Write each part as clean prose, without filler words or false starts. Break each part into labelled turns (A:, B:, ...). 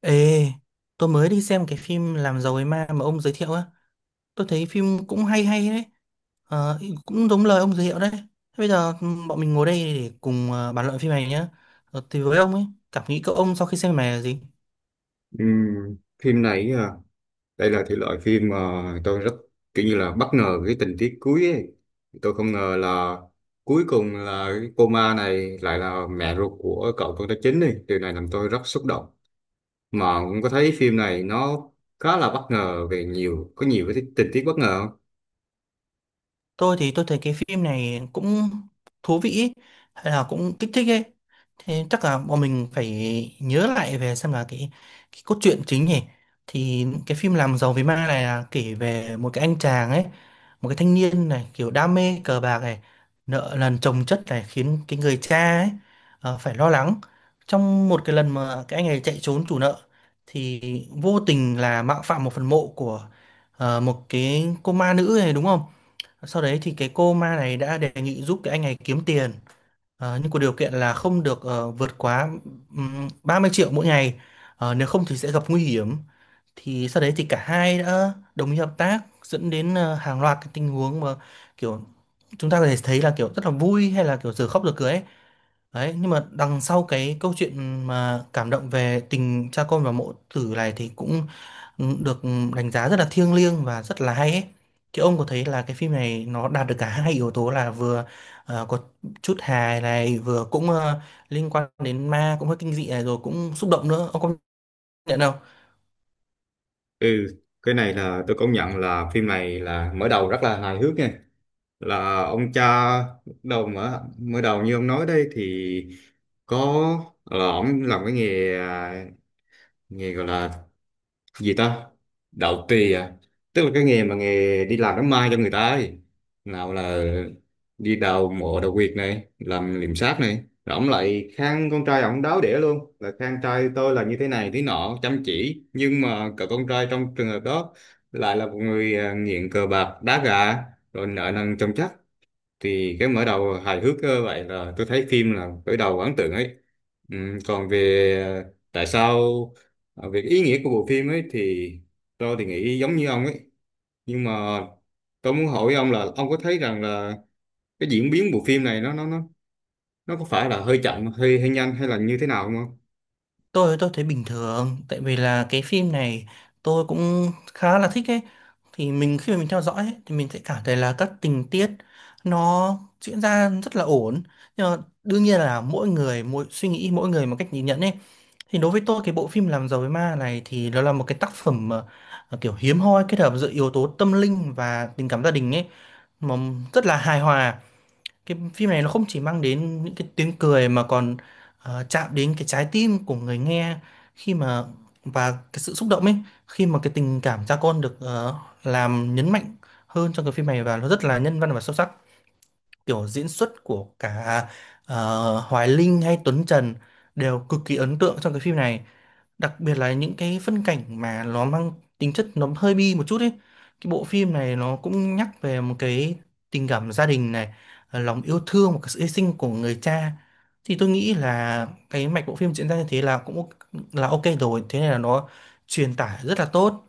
A: Ê, tôi mới đi xem cái phim Làm giàu ấy ma mà ông giới thiệu á. Tôi thấy phim cũng hay hay đấy. Ờ, Cũng giống lời ông giới thiệu đấy. Thế. Bây giờ bọn mình ngồi đây để cùng bàn luận phim này nhá. Thì với ông ấy, cảm nghĩ của ông sau khi xem phim này là gì?
B: Ừm, phim này à, đây là thể loại phim mà tôi rất kiểu như là bất ngờ cái tình tiết cuối ấy. Tôi không ngờ là cuối cùng là cái cô ma này lại là mẹ ruột của cậu con trai chính đi. Điều này làm tôi rất xúc động. Mà cũng có thấy phim này nó khá là bất ngờ về nhiều cái tình tiết bất ngờ không?
A: Tôi thì tôi thấy cái phim này cũng thú vị ý, hay là cũng kích thích ấy. Thế chắc là bọn mình phải nhớ lại về xem là cái cốt truyện chính nhỉ. Thì cái phim làm giàu vì ma này là kể về một cái anh chàng ấy, một cái thanh niên này kiểu đam mê cờ bạc này, nợ nần chồng chất này khiến cái người cha ấy phải lo lắng. Trong một cái lần mà cái anh này chạy trốn chủ nợ thì vô tình là mạo phạm một phần mộ của một cái cô ma nữ này đúng không. Sau đấy thì cái cô ma này đã đề nghị giúp cái anh này kiếm tiền, nhưng có điều kiện là không được vượt quá 30 triệu mỗi ngày. Nếu không thì sẽ gặp nguy hiểm. Thì sau đấy thì cả hai đã đồng ý hợp tác dẫn đến hàng loạt cái tình huống mà kiểu chúng ta có thể thấy là kiểu rất là vui hay là kiểu giờ khóc giờ cười ấy. Đấy, nhưng mà đằng sau cái câu chuyện mà cảm động về tình cha con và mẫu tử này thì cũng được đánh giá rất là thiêng liêng và rất là hay ấy. Thì ông có thấy là cái phim này nó đạt được cả hai yếu tố là vừa có chút hài này vừa cũng liên quan đến ma cũng hơi kinh dị này rồi cũng xúc động nữa, ông có nhận không?
B: Ừ, cái này là tôi công nhận là phim này là mở đầu rất là hài hước nha. Là ông cha, đầu mở mới đầu như ông nói đây thì có là ông làm cái nghề, à, nghề gọi là gì ta, đạo tỳ à, tức là cái nghề đi làm đám ma cho người ta ấy, nào là đi đào mộ, đào huyệt này, làm liệm xác này, rồi ông lại khen con trai ông đáo đĩa luôn, là khen trai tôi là như thế này thế nọ, chăm chỉ, nhưng mà cậu con trai trong trường hợp đó lại là một người, nghiện cờ bạc, đá gà, rồi nợ nần chồng chất. Thì cái mở đầu hài hước vậy là tôi thấy phim là khởi đầu ấn tượng ấy. Còn về ờ, tại sao về cái ý nghĩa của bộ phim ấy, thì tôi thì nghĩ giống như ông ấy, nhưng mà tôi muốn hỏi ông là ông có thấy rằng là cái diễn biến bộ phim này nó có phải là hơi chậm, hơi hơi nhanh, hay là như thế nào không?
A: Tôi thấy bình thường tại vì là cái phim này tôi cũng khá là thích ấy. Thì mình khi mà mình theo dõi ấy, thì mình sẽ cảm thấy là các tình tiết nó diễn ra rất là ổn. Nhưng mà đương nhiên là mỗi người mỗi suy nghĩ, mỗi người một cách nhìn nhận ấy. Thì đối với tôi cái bộ phim Làm giàu với ma này thì nó là một cái tác phẩm kiểu hiếm hoi kết hợp giữa yếu tố tâm linh và tình cảm gia đình ấy, mà rất là hài hòa. Cái phim này nó không chỉ mang đến những cái tiếng cười mà còn chạm đến cái trái tim của người nghe khi mà, và cái sự xúc động ấy, khi mà cái tình cảm cha con được làm nhấn mạnh hơn trong cái phim này, và nó rất là nhân văn và sâu sắc. Kiểu diễn xuất của cả Hoài Linh hay Tuấn Trần đều cực kỳ ấn tượng trong cái phim này, đặc biệt là những cái phân cảnh mà nó mang tính chất nó hơi bi một chút ấy. Cái bộ phim này nó cũng nhắc về một cái tình cảm gia đình này, lòng yêu thương và cái sự hy sinh của người cha. Thì tôi nghĩ là cái mạch bộ phim diễn ra như thế là cũng ok, là ok rồi, thế nên là nó truyền tải rất là tốt.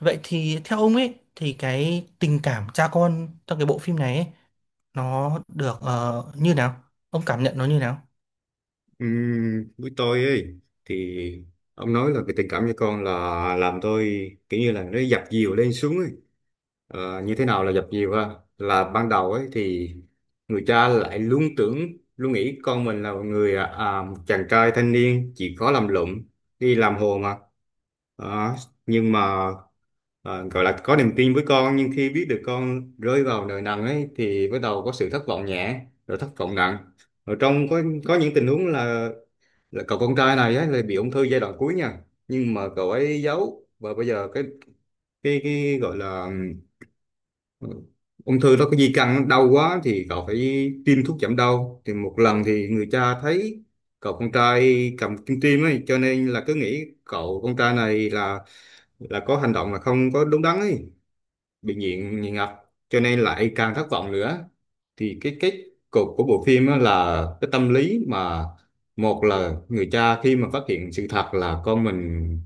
A: Vậy thì theo ông ấy thì cái tình cảm cha con trong cái bộ phim này ấy, nó được như nào, ông cảm nhận nó như nào?
B: Với tôi ấy thì ông nói là cái tình cảm cho con là làm tôi kiểu như là nó dập dìu lên xuống ấy. Như thế nào là dập dìu ha? Là ban đầu ấy thì người cha lại luôn tưởng, luôn nghĩ con mình là một người, một chàng trai thanh niên chỉ có làm lụm, đi làm hồ mà. Đó, nhưng mà, gọi là có niềm tin với con, nhưng khi biết được con rơi vào nợ nần ấy thì bắt đầu có sự thất vọng nhẹ, rồi thất vọng nặng, ở trong có những tình huống là cậu con trai này ấy, là bị ung thư giai đoạn cuối nha, nhưng mà cậu ấy giấu. Và bây giờ cái gọi là Ừ. Ung thư đó có di căn, đau quá thì cậu phải tiêm thuốc giảm đau, thì một lần thì người cha thấy cậu con trai cầm kim tiêm ấy, cho nên là cứ nghĩ cậu con trai này là có hành động là không có đúng đắn ấy, bị nghiện nghiện ngập, cho nên lại càng thất vọng nữa. Thì cái kết cục của bộ phim á là cái tâm lý mà, một là người cha khi mà phát hiện sự thật là con mình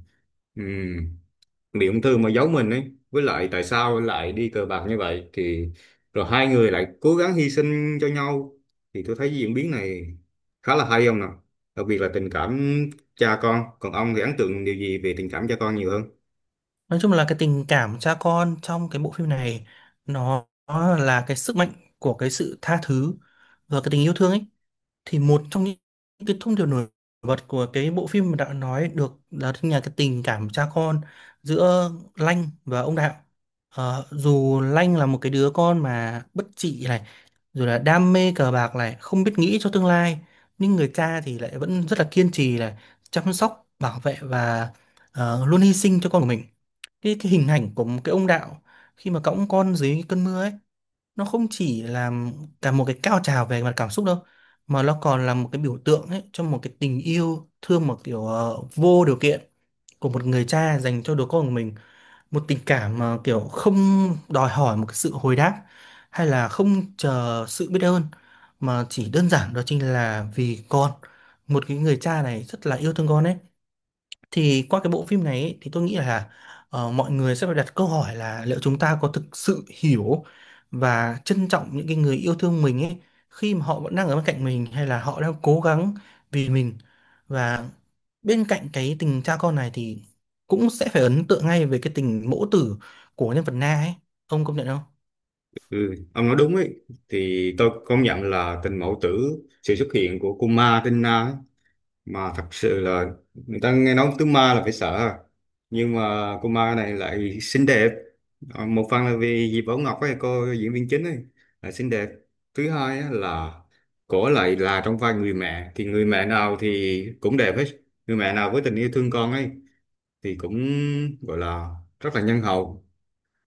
B: bị ung thư mà giấu mình ấy, với lại tại sao lại đi cờ bạc như vậy, thì rồi hai người lại cố gắng hy sinh cho nhau, thì tôi thấy diễn biến này khá là hay ông nào. Đặc biệt là tình cảm cha con. Còn ông thì ấn tượng điều gì về tình cảm cha con nhiều hơn?
A: Nói chung là cái tình cảm cha con trong cái bộ phim này nó là cái sức mạnh của cái sự tha thứ và cái tình yêu thương ấy. Thì một trong những cái thông điệp nổi bật của cái bộ phim mà đã nói được là thứ nhà cái tình cảm cha con giữa Lanh và ông Đạo. Dù Lanh là một cái đứa con mà bất trị này, rồi là đam mê cờ bạc này, không biết nghĩ cho tương lai, nhưng người cha thì lại vẫn rất là kiên trì này, chăm sóc bảo vệ và luôn hy sinh cho con của mình. Cái hình ảnh của một cái ông Đạo khi mà cõng con dưới cơn mưa ấy, nó không chỉ là cả một cái cao trào về mặt cảm xúc đâu, mà nó còn là một cái biểu tượng ấy cho một cái tình yêu thương, một kiểu vô điều kiện của một người cha dành cho đứa con của mình. Một tình cảm mà kiểu không đòi hỏi một cái sự hồi đáp hay là không chờ sự biết ơn, mà chỉ đơn giản đó chính là vì con, một cái người cha này rất là yêu thương con ấy. Thì qua cái bộ phim này ấy, thì tôi nghĩ là mọi người sẽ phải đặt câu hỏi là liệu chúng ta có thực sự hiểu và trân trọng những cái người yêu thương mình ấy, khi mà họ vẫn đang ở bên cạnh mình hay là họ đang cố gắng vì mình. Và bên cạnh cái tình cha con này thì cũng sẽ phải ấn tượng ngay về cái tình mẫu tử của nhân vật Na ấy, ông công nhận không?
B: Ừ, ông nói đúng ấy. Thì tôi công nhận là tình mẫu tử, sự xuất hiện của Kuma Tina ấy, mà thật sự là người ta nghe nói tướng ma là phải sợ ha. Nhưng mà cô ma này lại xinh đẹp. Một phần là vì Diệp Bảo Ngọc ấy, cô diễn viên chính ấy là xinh đẹp. Thứ hai á là cổ lại là trong vai người mẹ, thì người mẹ nào thì cũng đẹp hết, người mẹ nào với tình yêu thương con ấy thì cũng gọi là rất là nhân hậu.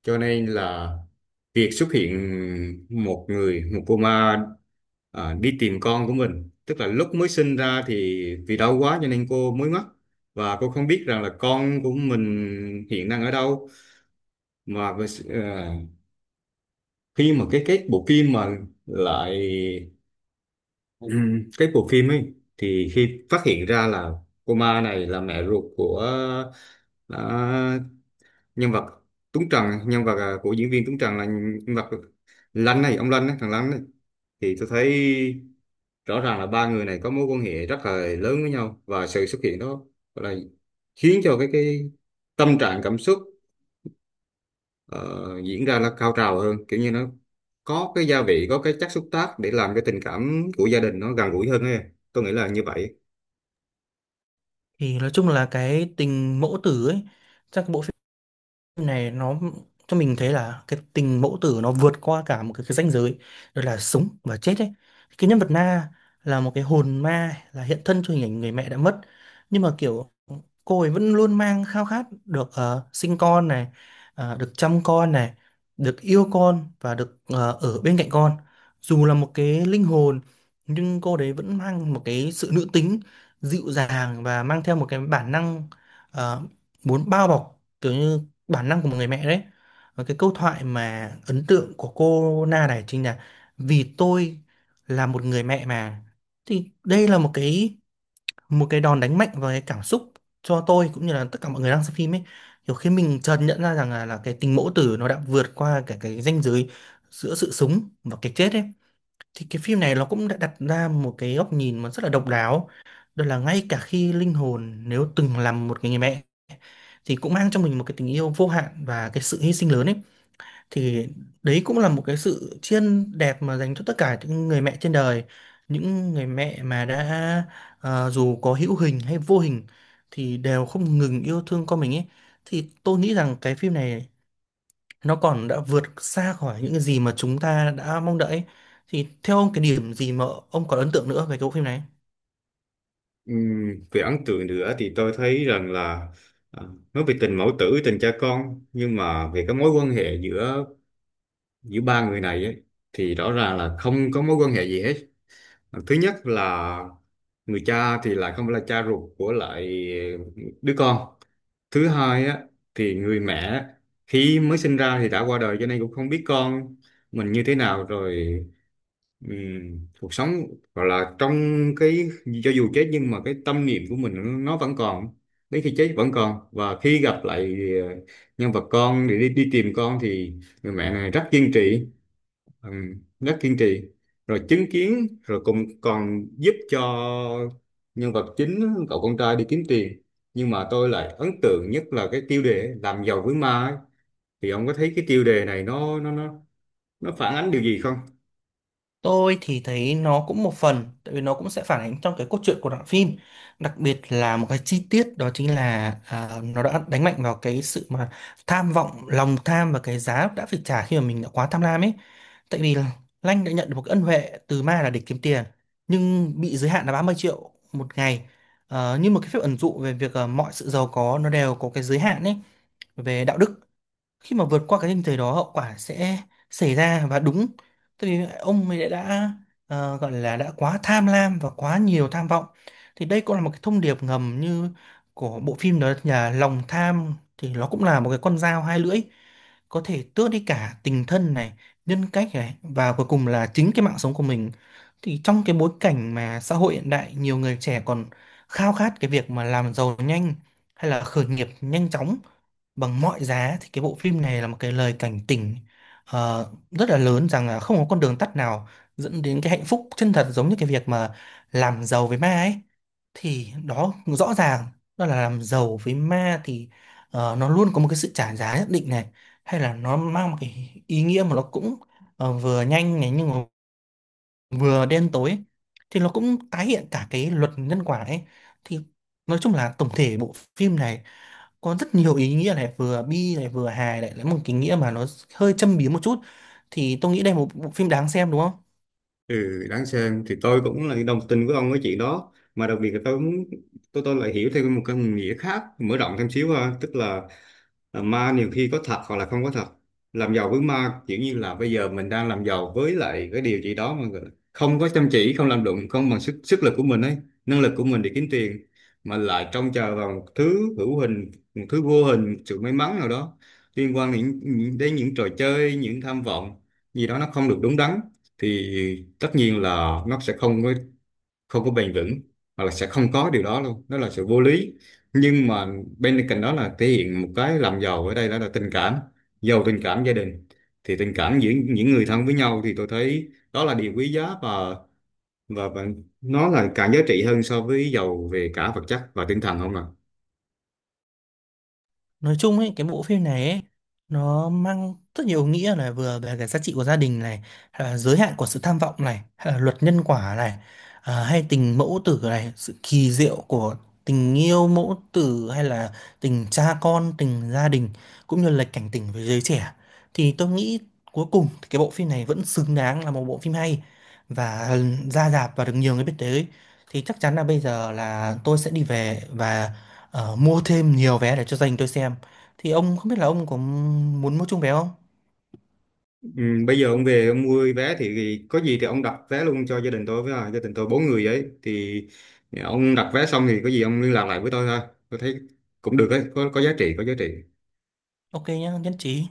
B: Cho nên là việc xuất hiện một cô ma, đi tìm con của mình, tức là lúc mới sinh ra thì vì đau quá cho nên cô mới mất, và cô không biết rằng là con của mình hiện đang ở đâu, mà khi mà cái bộ phim mà lại cái bộ phim ấy thì khi phát hiện ra là cô ma này là mẹ ruột của, à, nhân vật Tuấn Trần, nhân vật, của diễn viên Tuấn Trần là nhân vật Lanh này, ông Lanh ấy, thằng Lanh ấy, thì tôi thấy rõ ràng là ba người này có mối quan hệ rất là lớn với nhau, và sự xuất hiện đó là khiến cho cái tâm trạng, cảm xúc ờ, diễn ra là cao trào hơn, kiểu như nó có cái gia vị, có cái chất xúc tác để làm cái tình cảm của gia đình nó gần gũi hơn ấy. Tôi nghĩ là như vậy.
A: Thì nói chung là cái tình mẫu tử ấy trong cái bộ phim này nó cho mình thấy là cái tình mẫu tử nó vượt qua cả một cái ranh giới, đó là sống và chết ấy. Cái nhân vật Na là một cái hồn ma, là hiện thân cho hình ảnh người mẹ đã mất, nhưng mà kiểu cô ấy vẫn luôn mang khao khát được sinh con này, được chăm con này, được yêu con và được ở bên cạnh con. Dù là một cái linh hồn, nhưng cô đấy vẫn mang một cái sự nữ tính, dịu dàng và mang theo một cái bản năng ờ, muốn bao bọc, kiểu như bản năng của một người mẹ đấy. Và cái câu thoại mà ấn tượng của cô Na này chính là vì tôi là một người mẹ mà, thì đây là một cái, một cái đòn đánh mạnh vào cái cảm xúc cho tôi cũng như là tất cả mọi người đang xem phim ấy. Kiểu khi mình chợt nhận ra rằng là cái tình mẫu tử nó đã vượt qua cả cái ranh giới giữa sự sống và cái chết ấy. Thì cái phim này nó cũng đã đặt ra một cái góc nhìn mà rất là độc đáo, đó là ngay cả khi linh hồn nếu từng làm một cái người mẹ thì cũng mang trong mình một cái tình yêu vô hạn và cái sự hy sinh lớn ấy. Thì đấy cũng là một cái sự tri ân đẹp mà dành cho tất cả những người mẹ trên đời, những người mẹ mà đã dù có hữu hình hay vô hình thì đều không ngừng yêu thương con mình ấy. Thì tôi nghĩ rằng cái phim này nó còn đã vượt xa khỏi những cái gì mà chúng ta đã mong đợi ấy. Thì theo ông cái điểm gì mà ông còn ấn tượng nữa về cái bộ phim này?
B: Về ấn tượng nữa thì tôi thấy rằng là, à, nói về tình mẫu tử, tình cha con, nhưng mà về cái mối quan hệ giữa giữa ba người này ấy, thì rõ ràng là không có mối quan hệ gì hết. Thứ nhất là người cha thì lại không phải là cha ruột của lại đứa con. Thứ hai á thì người mẹ khi mới sinh ra thì đã qua đời, cho nên cũng không biết con mình như thế nào rồi. Cuộc sống gọi là trong cái, cho dù chết nhưng mà cái tâm niệm của mình nó vẫn còn, đến khi chết vẫn còn, và khi gặp lại ờ, nhân vật con để đi tìm con, thì người mẹ này rất kiên trì, ừ, rất kiên trì, rồi chứng kiến, rồi cũng còn giúp cho nhân vật chính cậu con trai đi kiếm tiền. Nhưng mà tôi lại ấn tượng nhất là cái tiêu đề ấy, làm giàu với ma ấy. Thì ông có thấy cái tiêu đề này nó phản ánh điều gì không?
A: Tôi thì thấy nó cũng một phần, tại vì nó cũng sẽ phản ánh trong cái cốt truyện của đoạn phim, đặc biệt là một cái chi tiết đó chính là nó đã đánh mạnh vào cái sự mà tham vọng, lòng tham và cái giá đã phải trả khi mà mình đã quá tham lam ấy. Tại vì là Lanh đã nhận được một cái ân huệ từ ma là để kiếm tiền, nhưng bị giới hạn là 30 triệu một ngày. Như một cái phép ẩn dụ về việc mọi sự giàu có nó đều có cái giới hạn ấy về đạo đức, khi mà vượt qua cái ranh giới đó hậu quả sẽ xảy ra. Và đúng, tại vì ông ấy đã gọi là đã quá tham lam và quá nhiều tham vọng. Thì đây cũng là một cái thông điệp ngầm như của bộ phim, đó là lòng tham thì nó cũng là một cái con dao hai lưỡi, có thể tước đi cả tình thân này, nhân cách này, và cuối cùng là chính cái mạng sống của mình. Thì trong cái bối cảnh mà xã hội hiện đại nhiều người trẻ còn khao khát cái việc mà làm giàu nhanh hay là khởi nghiệp nhanh chóng bằng mọi giá, thì cái bộ phim này là một cái lời cảnh tỉnh rất là lớn rằng là không có con đường tắt nào dẫn đến cái hạnh phúc chân thật, giống như cái việc mà làm giàu với ma ấy. Thì đó rõ ràng, đó là làm giàu với ma thì nó luôn có một cái sự trả giá nhất định này, hay là nó mang một cái ý nghĩa mà nó cũng vừa nhanh này nhưng mà vừa đen tối ấy. Thì nó cũng tái hiện cả cái luật nhân quả ấy. Thì nói chung là tổng thể bộ phim này có rất nhiều ý nghĩa này, vừa bi này vừa hài, lại lại một cái nghĩa mà nó hơi châm biếm một chút. Thì tôi nghĩ đây là một bộ phim đáng xem đúng không?
B: Ừ, đáng xem thì tôi cũng là đồng tình với ông cái chuyện đó, mà đặc biệt là tôi cũng tôi lại hiểu thêm một cái nghĩa khác, mở rộng thêm xíu ha, tức là ma nhiều khi có thật hoặc là không có thật. Làm giàu với ma kiểu như là bây giờ mình đang làm giàu với lại cái điều gì đó mà không có chăm chỉ, không làm đụng, không bằng sức sức lực của mình ấy, năng lực của mình để kiếm tiền, mà lại trông chờ vào một thứ hữu hình, một thứ vô hình, một sự may mắn nào đó liên quan đến những trò chơi, những tham vọng gì đó nó không được đúng đắn, thì tất nhiên là nó sẽ không có bền vững, hoặc là sẽ không có điều đó luôn, đó là sự vô lý. Nhưng mà bên cạnh đó là thể hiện một cái làm giàu ở đây, đó là tình cảm, giàu tình cảm gia đình. Thì tình cảm giữa những người thân với nhau, thì tôi thấy đó là điều quý giá, và nó là càng giá trị hơn so với giàu về cả vật chất và tinh thần, không ạ?
A: Nói chung ấy cái bộ phim này ấy, nó mang rất nhiều nghĩa này, vừa về cái giá trị của gia đình này, hay là giới hạn của sự tham vọng này, hay là luật nhân quả này, hay tình mẫu tử này, sự kỳ diệu của tình yêu mẫu tử hay là tình cha con, tình gia đình, cũng như là cảnh tỉnh với giới trẻ. Thì tôi nghĩ cuối cùng thì cái bộ phim này vẫn xứng đáng là một bộ phim hay, và ra rạp và được nhiều người biết tới. Thì chắc chắn là bây giờ là tôi sẽ đi về và mua thêm nhiều vé để cho dành tôi xem. Thì ông không biết là ông có muốn mua chung vé không?
B: Ừ, bây giờ ông về ông mua vé thì có gì thì ông đặt vé luôn cho gia đình tôi với, gia đình tôi bốn người ấy, thì ông đặt vé xong thì có gì ông liên lạc lại với tôi ha. Tôi thấy cũng được ấy, có giá trị, có giá trị.
A: Ok nhá, nhất trí.